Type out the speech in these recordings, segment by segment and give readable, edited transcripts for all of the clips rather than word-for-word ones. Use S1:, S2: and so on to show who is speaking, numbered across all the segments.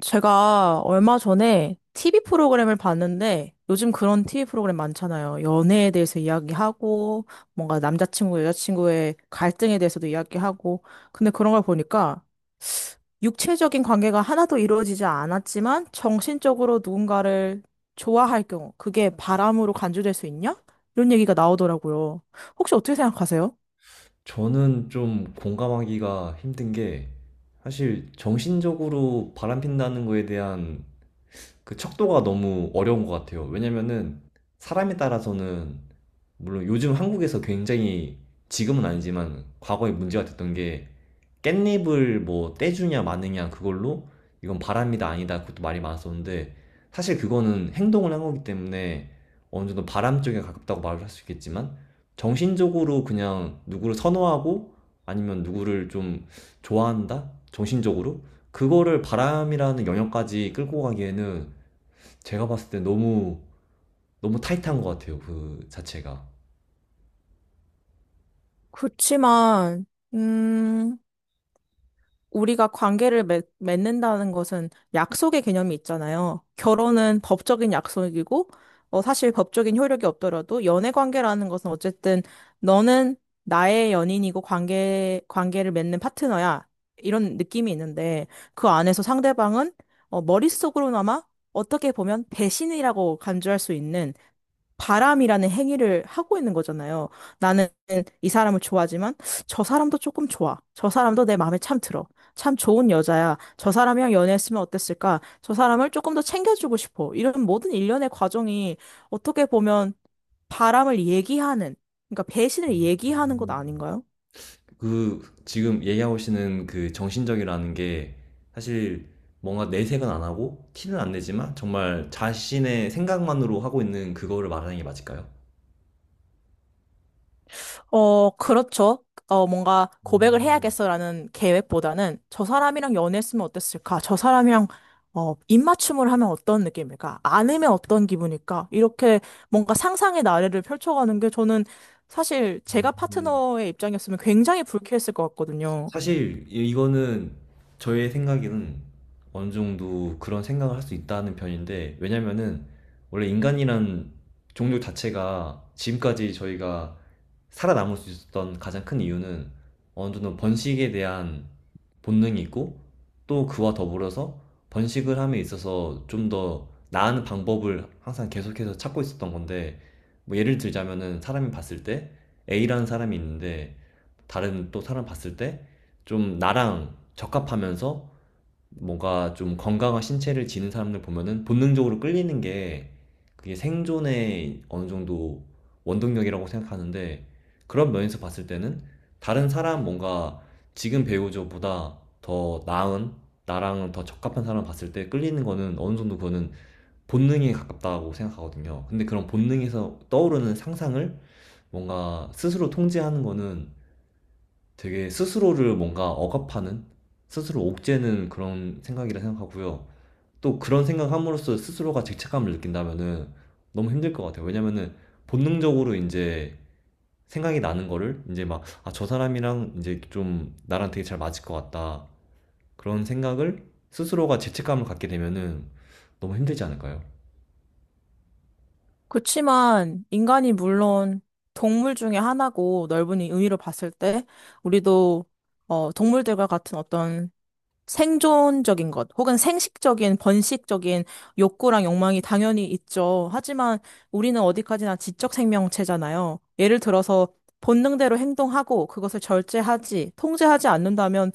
S1: 제가 얼마 전에 TV 프로그램을 봤는데 요즘 그런 TV 프로그램 많잖아요. 연애에 대해서 이야기하고 뭔가 남자친구, 여자친구의 갈등에 대해서도 이야기하고 근데 그런 걸 보니까 육체적인 관계가 하나도 이루어지지 않았지만 정신적으로 누군가를 좋아할 경우 그게 바람으로 간주될 수 있냐? 이런 얘기가 나오더라고요. 혹시 어떻게 생각하세요?
S2: 저는 좀 공감하기가 힘든 게, 사실 정신적으로 바람핀다는 거에 대한 그 척도가 너무 어려운 것 같아요. 왜냐면은 사람에 따라서는, 물론 요즘 한국에서 굉장히, 지금은 아니지만 과거에 문제가 됐던 게 깻잎을 뭐 떼주냐 마느냐 그걸로 이건 바람이다 아니다 그것도 말이 많았었는데, 사실 그거는 행동을 한 거기 때문에 어느 정도 바람 쪽에 가깝다고 말을 할 수 있겠지만, 정신적으로 그냥 누구를 선호하고 아니면 누구를 좀 좋아한다? 정신적으로? 그거를 바람이라는 영역까지 끌고 가기에는, 제가 봤을 때 너무 너무 타이트한 것 같아요. 그 자체가.
S1: 그렇지만, 음, 우리가 관계를 맺는다는 것은 약속의 개념이 있잖아요. 결혼은 법적인 약속이고, 사실 법적인 효력이 없더라도 연애 관계라는 것은 어쨌든 너는 나의 연인이고 관계를 맺는 파트너야. 이런 느낌이 있는데, 그 안에서 상대방은 머릿속으로나마 어떻게 보면 배신이라고 간주할 수 있는 바람이라는 행위를 하고 있는 거잖아요. 나는 이 사람을 좋아하지만 저 사람도 조금 좋아. 저 사람도 내 마음에 참 들어. 참 좋은 여자야. 저 사람이랑 연애했으면 어땠을까? 저 사람을 조금 더 챙겨주고 싶어. 이런 모든 일련의 과정이 어떻게 보면 바람을 얘기하는, 그러니까 배신을 얘기하는 것 아닌가요?
S2: 그 지금 얘기하시는 그 정신적이라는 게, 사실 뭔가 내색은 안 하고 티는 안 내지만, 정말 자신의 생각만으로 하고 있는 그거를 말하는 게 맞을까요?
S1: 그렇죠. 뭔가 고백을
S2: 음.
S1: 해야겠어라는 계획보다는 저 사람이랑 연애했으면 어땠을까? 저 사람이랑 입맞춤을 하면 어떤 느낌일까? 안으면 어떤 기분일까? 이렇게 뭔가 상상의 나래를 펼쳐가는 게 저는 사실 제가 파트너의 입장이었으면 굉장히 불쾌했을 것 같거든요.
S2: 사실 이거는 저의 생각에는 어느 정도 그런 생각을 할 수 있다는 편인데, 왜냐면은 원래 인간이란 종류 자체가 지금까지 저희가 살아남을 수 있었던 가장 큰 이유는 어느 정도 번식에 대한 본능이 있고, 또 그와 더불어서 번식을 함에 있어서 좀 더 나은 방법을 항상 계속해서 찾고 있었던 건데, 뭐 예를 들자면은 사람이 봤을 때 A라는 사람이 있는데 다른 또 사람 봤을 때 좀 나랑 적합하면서 뭔가 좀 건강한 신체를 지닌 사람들 보면은 본능적으로 끌리는 게, 그게 생존의 어느 정도 원동력이라고 생각하는데, 그런 면에서 봤을 때는 다른 사람 뭔가 지금 배우자보다 더 나은 나랑 더 적합한 사람 봤을 때 끌리는 거는 어느 정도 그거는 본능에 가깝다고 생각하거든요. 근데 그런 본능에서 떠오르는 상상을 뭔가 스스로 통제하는 거는 되게 스스로를 뭔가 억압하는 스스로 옥죄는 그런 생각이라 생각하고요. 또 그런 생각함으로써 스스로가 죄책감을 느낀다면은 너무 힘들 것 같아요. 왜냐면은 본능적으로 이제 생각이 나는 거를 이제 막, 아, 저 사람이랑 이제 좀 나랑 되게 잘 맞을 것 같다. 그런 생각을 스스로가 죄책감을 갖게 되면은 너무 힘들지 않을까요?
S1: 그렇지만 인간이 물론 동물 중에 하나고 넓은 의미로 봤을 때 우리도 동물들과 같은 어떤 생존적인 것, 혹은 생식적인, 번식적인 욕구랑 욕망이 당연히 있죠. 하지만 우리는 어디까지나 지적 생명체잖아요. 예를 들어서 본능대로 행동하고 그것을 절제하지, 통제하지 않는다면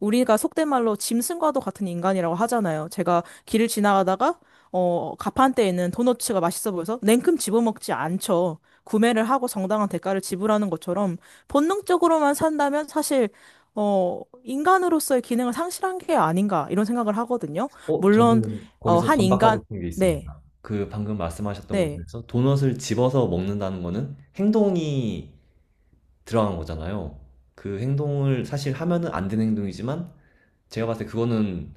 S1: 우리가 속된 말로 짐승과도 같은 인간이라고 하잖아요. 제가 길을 지나가다가 가판대에 있는 도너츠가 맛있어 보여서 냉큼 집어먹지 않죠. 구매를 하고 정당한 대가를 지불하는 것처럼 본능적으로만 산다면 사실 인간으로서의 기능을 상실한 게 아닌가, 이런 생각을 하거든요. 물론,
S2: 저는 거기서
S1: 한 인간,
S2: 반박하고 싶은 게
S1: 네,
S2: 있습니다. 그 방금 말씀하셨던 것
S1: 네.
S2: 중에서 도넛을 집어서 먹는다는 거는 행동이 들어간 거잖아요. 그 행동을 사실 하면은 안 되는 행동이지만 제가 봤을 때 그거는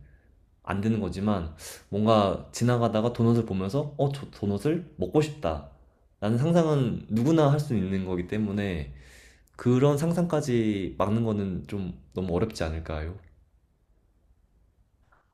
S2: 안 되는 거지만, 뭔가 지나가다가 도넛을 보면서 저 도넛을 먹고 싶다, 라는 상상은 누구나 할 수 있는 거기 때문에 그런 상상까지 막는 거는 좀 너무 어렵지 않을까요?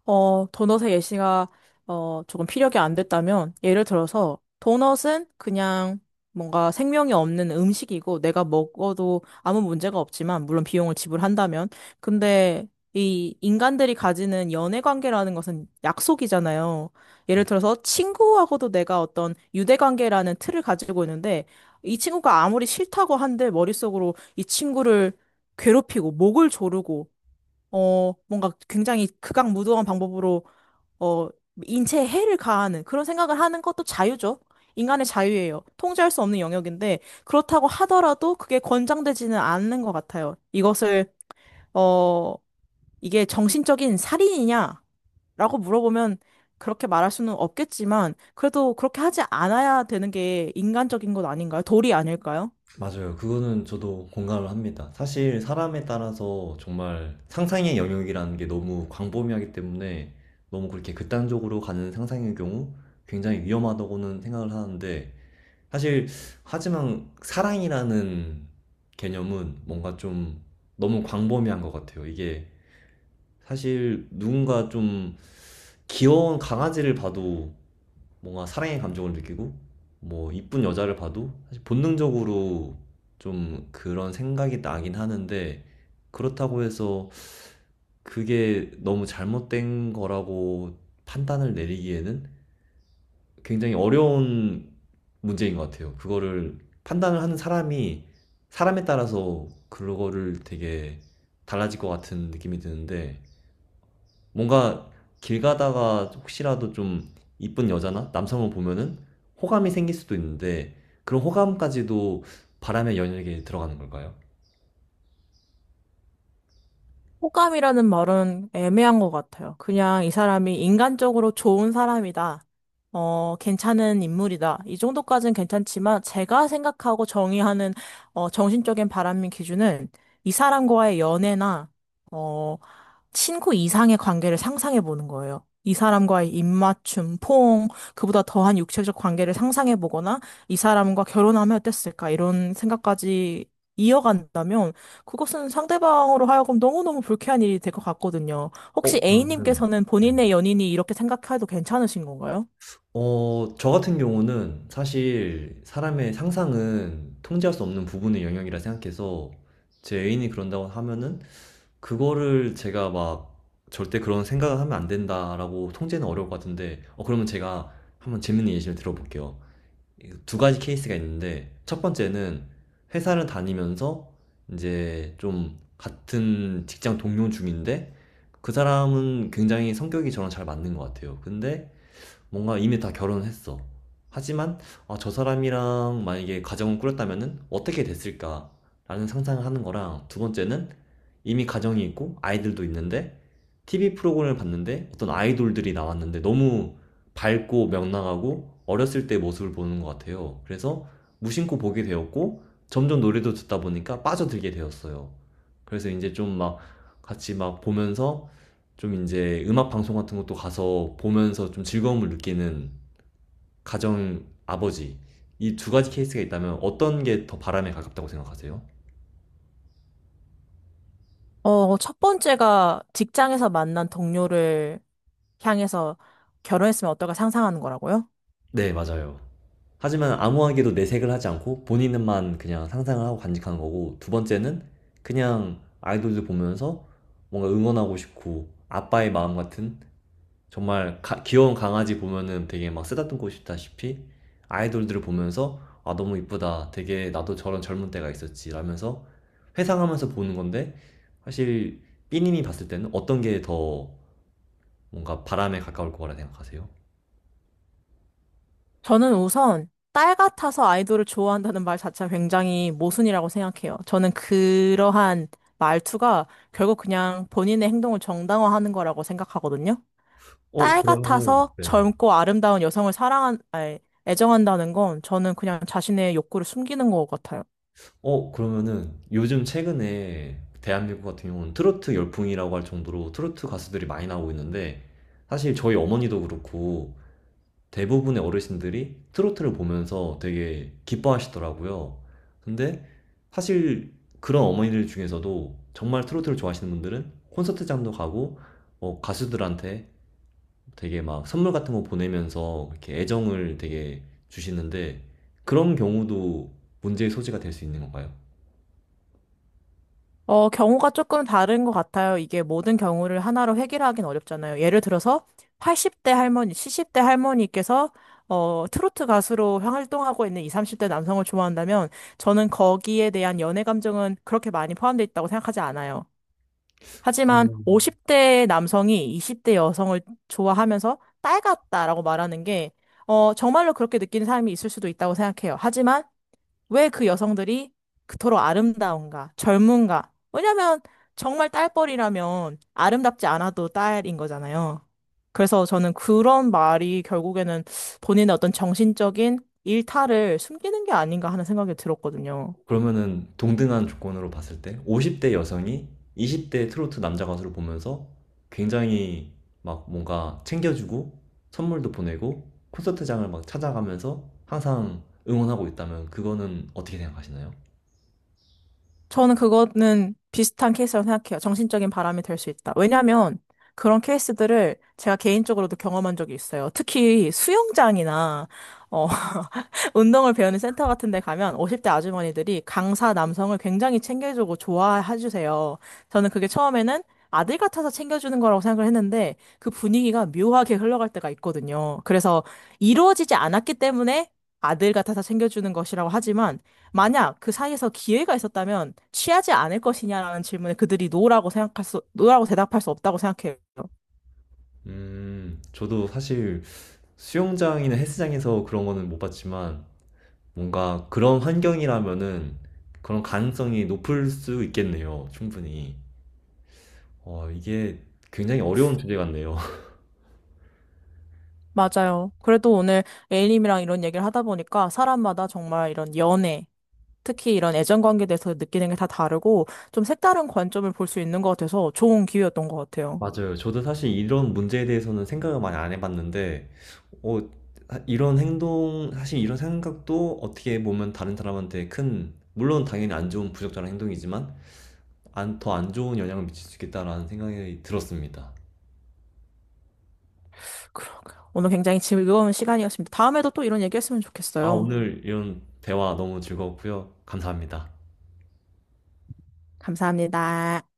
S1: 도넛의 예시가, 조금 피력이 안 됐다면, 예를 들어서, 도넛은 그냥 뭔가 생명이 없는 음식이고, 내가 먹어도 아무 문제가 없지만, 물론 비용을 지불한다면. 근데, 이 인간들이 가지는 연애 관계라는 것은 약속이잖아요. 예를 들어서, 친구하고도 내가 어떤 유대 관계라는 틀을 가지고 있는데, 이 친구가 아무리 싫다고 한들, 머릿속으로 이 친구를 괴롭히고, 목을 조르고, 뭔가 굉장히 극악무도한 방법으로, 어, 인체에 해를 가하는 그런 생각을 하는 것도 자유죠. 인간의 자유예요. 통제할 수 없는 영역인데, 그렇다고 하더라도 그게 권장되지는 않는 것 같아요. 이것을, 어, 이게 정신적인 살인이냐라고 물어보면 그렇게 말할 수는 없겠지만, 그래도 그렇게 하지 않아야 되는 게 인간적인 것 아닌가요? 도리 아닐까요?
S2: 맞아요. 그거는 저도 공감을 합니다. 사실 사람에 따라서 정말 상상의 영역이라는 게 너무 광범위하기 때문에 너무 그렇게 극단적으로 가는 상상의 경우 굉장히 위험하다고는 생각을 하는데, 사실 하지만 사랑이라는 개념은 뭔가 좀 너무 광범위한 것 같아요. 이게 사실 누군가 좀 귀여운 강아지를 봐도 뭔가 사랑의 감정을 느끼고, 뭐 이쁜 여자를 봐도 사실 본능적으로 좀 그런 생각이 나긴 하는데, 그렇다고 해서 그게 너무 잘못된 거라고 판단을 내리기에는 굉장히 어려운 문제인 것 같아요. 그거를 판단을 하는 사람이 사람에 따라서 그거를 되게 달라질 것 같은 느낌이 드는데, 뭔가 길 가다가 혹시라도 좀 이쁜 여자나 남성을 보면은 호감이 생길 수도 있는데, 그런 호감까지도 바람의 연역에 들어가는 걸까요?
S1: 호감이라는 말은 애매한 것 같아요. 그냥 이 사람이 인간적으로 좋은 사람이다. 괜찮은 인물이다. 이 정도까지는 괜찮지만 제가 생각하고 정의하는 정신적인 바람인 기준은 이 사람과의 연애나 어, 친구 이상의 관계를 상상해 보는 거예요. 이 사람과의 입맞춤, 포옹, 그보다 더한 육체적 관계를 상상해 보거나 이 사람과 결혼하면 어땠을까 이런 생각까지 이어간다면 그것은 상대방으로 하여금 너무너무 불쾌한 일이 될 것 같거든요. 혹시
S2: 그러면은,
S1: A님께서는
S2: 네.
S1: 본인의 연인이 이렇게 생각해도 괜찮으신 건가요?
S2: 저 같은 경우는 사실 사람의 상상은 통제할 수 없는 부분의 영역이라 생각해서 제 애인이 그런다고 하면은 그거를 제가 막 절대 그런 생각을 하면 안 된다라고 통제는 어려울 것 같은데, 그러면 제가 한번 재밌는 예시를 들어볼게요. 두 가지 케이스가 있는데, 첫 번째는 회사를 다니면서 이제 좀 같은 직장 동료 중인데, 그 사람은 굉장히 성격이 저랑 잘 맞는 것 같아요. 근데 뭔가 이미 다 결혼했어. 하지만 아, 저 사람이랑 만약에 가정을 꾸렸다면은 어떻게 됐을까라는 상상을 하는 거랑, 두 번째는 이미 가정이 있고 아이들도 있는데 TV 프로그램을 봤는데 어떤 아이돌들이 나왔는데 너무 밝고 명랑하고 어렸을 때 모습을 보는 것 같아요. 그래서 무심코 보게 되었고 점점 노래도 듣다 보니까 빠져들게 되었어요. 그래서 이제 좀 막 같이 막 보면서 좀 이제 음악 방송 같은 것도 가서 보면서 좀 즐거움을 느끼는 가정 아버지, 이 두 가지 케이스가 있다면 어떤 게 더 바람에 가깝다고 생각하세요?
S1: 첫 번째가 직장에서 만난 동료를 향해서 결혼했으면 어떨까 상상하는 거라고요?
S2: 네, 맞아요. 하지만 아무하게도 내색을 하지 않고 본인만 그냥 상상을 하고 간직한 거고, 두 번째는 그냥 아이돌들 보면서 뭔가 응원하고 싶고 아빠의 마음 같은, 정말 귀여운 강아지 보면은 되게 막 쓰다듬고 싶다시피 아이돌들을 보면서, 아, 너무 이쁘다, 되게 나도 저런 젊은 때가 있었지, 라면서 회상하면서 보는 건데, 사실 삐님이 봤을 때는 어떤 게 더 뭔가 바람에 가까울 거라 생각하세요?
S1: 저는 우선 딸 같아서 아이돌을 좋아한다는 말 자체가 굉장히 모순이라고 생각해요. 저는 그러한 말투가 결국 그냥 본인의 행동을 정당화하는 거라고 생각하거든요. 딸
S2: 그러면,
S1: 같아서
S2: 네.
S1: 젊고 아름다운 여성을 사랑한, 아니, 애정한다는 건 저는 그냥 자신의 욕구를 숨기는 것 같아요.
S2: 그러면은 요즘 최근에 대한민국 같은 경우는 트로트 열풍이라고 할 정도로 트로트 가수들이 많이 나오고 있는데, 사실 저희 어머니도 그렇고 대부분의 어르신들이 트로트를 보면서 되게 기뻐하시더라고요. 근데 사실 그런 어머니들 중에서도 정말 트로트를 좋아하시는 분들은 콘서트장도 가고 가수들한테 되게 막 선물 같은 거 보내면서 이렇게 애정을 되게 주시는데, 그런 경우도 문제의 소지가 될 수 있는 건가요?
S1: 경우가 조금 다른 것 같아요. 이게 모든 경우를 하나로 해결하긴 어렵잖아요. 예를 들어서 80대 할머니, 70대 할머니께서 트로트 가수로 활동하고 있는 20, 30대 남성을 좋아한다면 저는 거기에 대한 연애 감정은 그렇게 많이 포함되어 있다고 생각하지 않아요. 하지만 50대 남성이 20대 여성을 좋아하면서 딸 같다라고 말하는 게 정말로 그렇게 느끼는 사람이 있을 수도 있다고 생각해요. 하지만 왜 그 여성들이 그토록 아름다운가, 젊은가? 왜냐면 정말 딸뻘이라면 아름답지 않아도 딸인 거잖아요. 그래서 저는 그런 말이 결국에는 본인의 어떤 정신적인 일탈을 숨기는 게 아닌가 하는 생각이 들었거든요.
S2: 그러면은 동등한 조건으로 봤을 때 50대 여성이 20대 트로트 남자 가수를 보면서 굉장히 막 뭔가 챙겨주고 선물도 보내고 콘서트장을 막 찾아가면서 항상 응원하고 있다면 그거는 어떻게 생각하시나요?
S1: 저는 그거는 비슷한 케이스라고 생각해요. 정신적인 바람이 될 수 있다. 왜냐면 그런 케이스들을 제가 개인적으로도 경험한 적이 있어요. 특히 수영장이나, 어, 운동을 배우는 센터 같은 데 가면 50대 아주머니들이 강사 남성을 굉장히 챙겨주고 좋아해주세요. 저는 그게 처음에는 아들 같아서 챙겨주는 거라고 생각을 했는데 그 분위기가 묘하게 흘러갈 때가 있거든요. 그래서 이루어지지 않았기 때문에 아들 같아서 챙겨주는 것이라고 하지만 만약 그 사이에서 기회가 있었다면 취하지 않을 것이냐라는 질문에 그들이 노라고 생각할 수, 노라고 대답할 수 없다고 생각해요.
S2: 저도 사실 수영장이나 헬스장에서 그런 거는 못 봤지만 뭔가 그런 환경이라면은 그런 가능성이 높을 수 있겠네요, 충분히. 이게 굉장히 어려운 주제 같네요.
S1: 맞아요. 그래도 오늘 A님이랑 이런 얘기를 하다 보니까 사람마다 정말 이런 연애, 특히 이런 애정 관계에 대해서 느끼는 게 다 다르고 좀 색다른 관점을 볼 수 있는 것 같아서 좋은 기회였던 것 같아요.
S2: 맞아요. 저도 사실 이런 문제에 대해서는 생각을 많이 안 해봤는데, 어, 이런 행동, 사실 이런 생각도 어떻게 보면 다른 사람한테 큰, 물론 당연히 안 좋은 부적절한 행동이지만, 안, 더 안 좋은 영향을 미칠 수 있겠다라는 생각이 들었습니다.
S1: 그러게요. 오늘 굉장히 즐거운 시간이었습니다. 다음에도 또 이런 얘기했으면
S2: 아,
S1: 좋겠어요.
S2: 오늘 이런 대화 너무 즐거웠고요. 감사합니다.
S1: 감사합니다.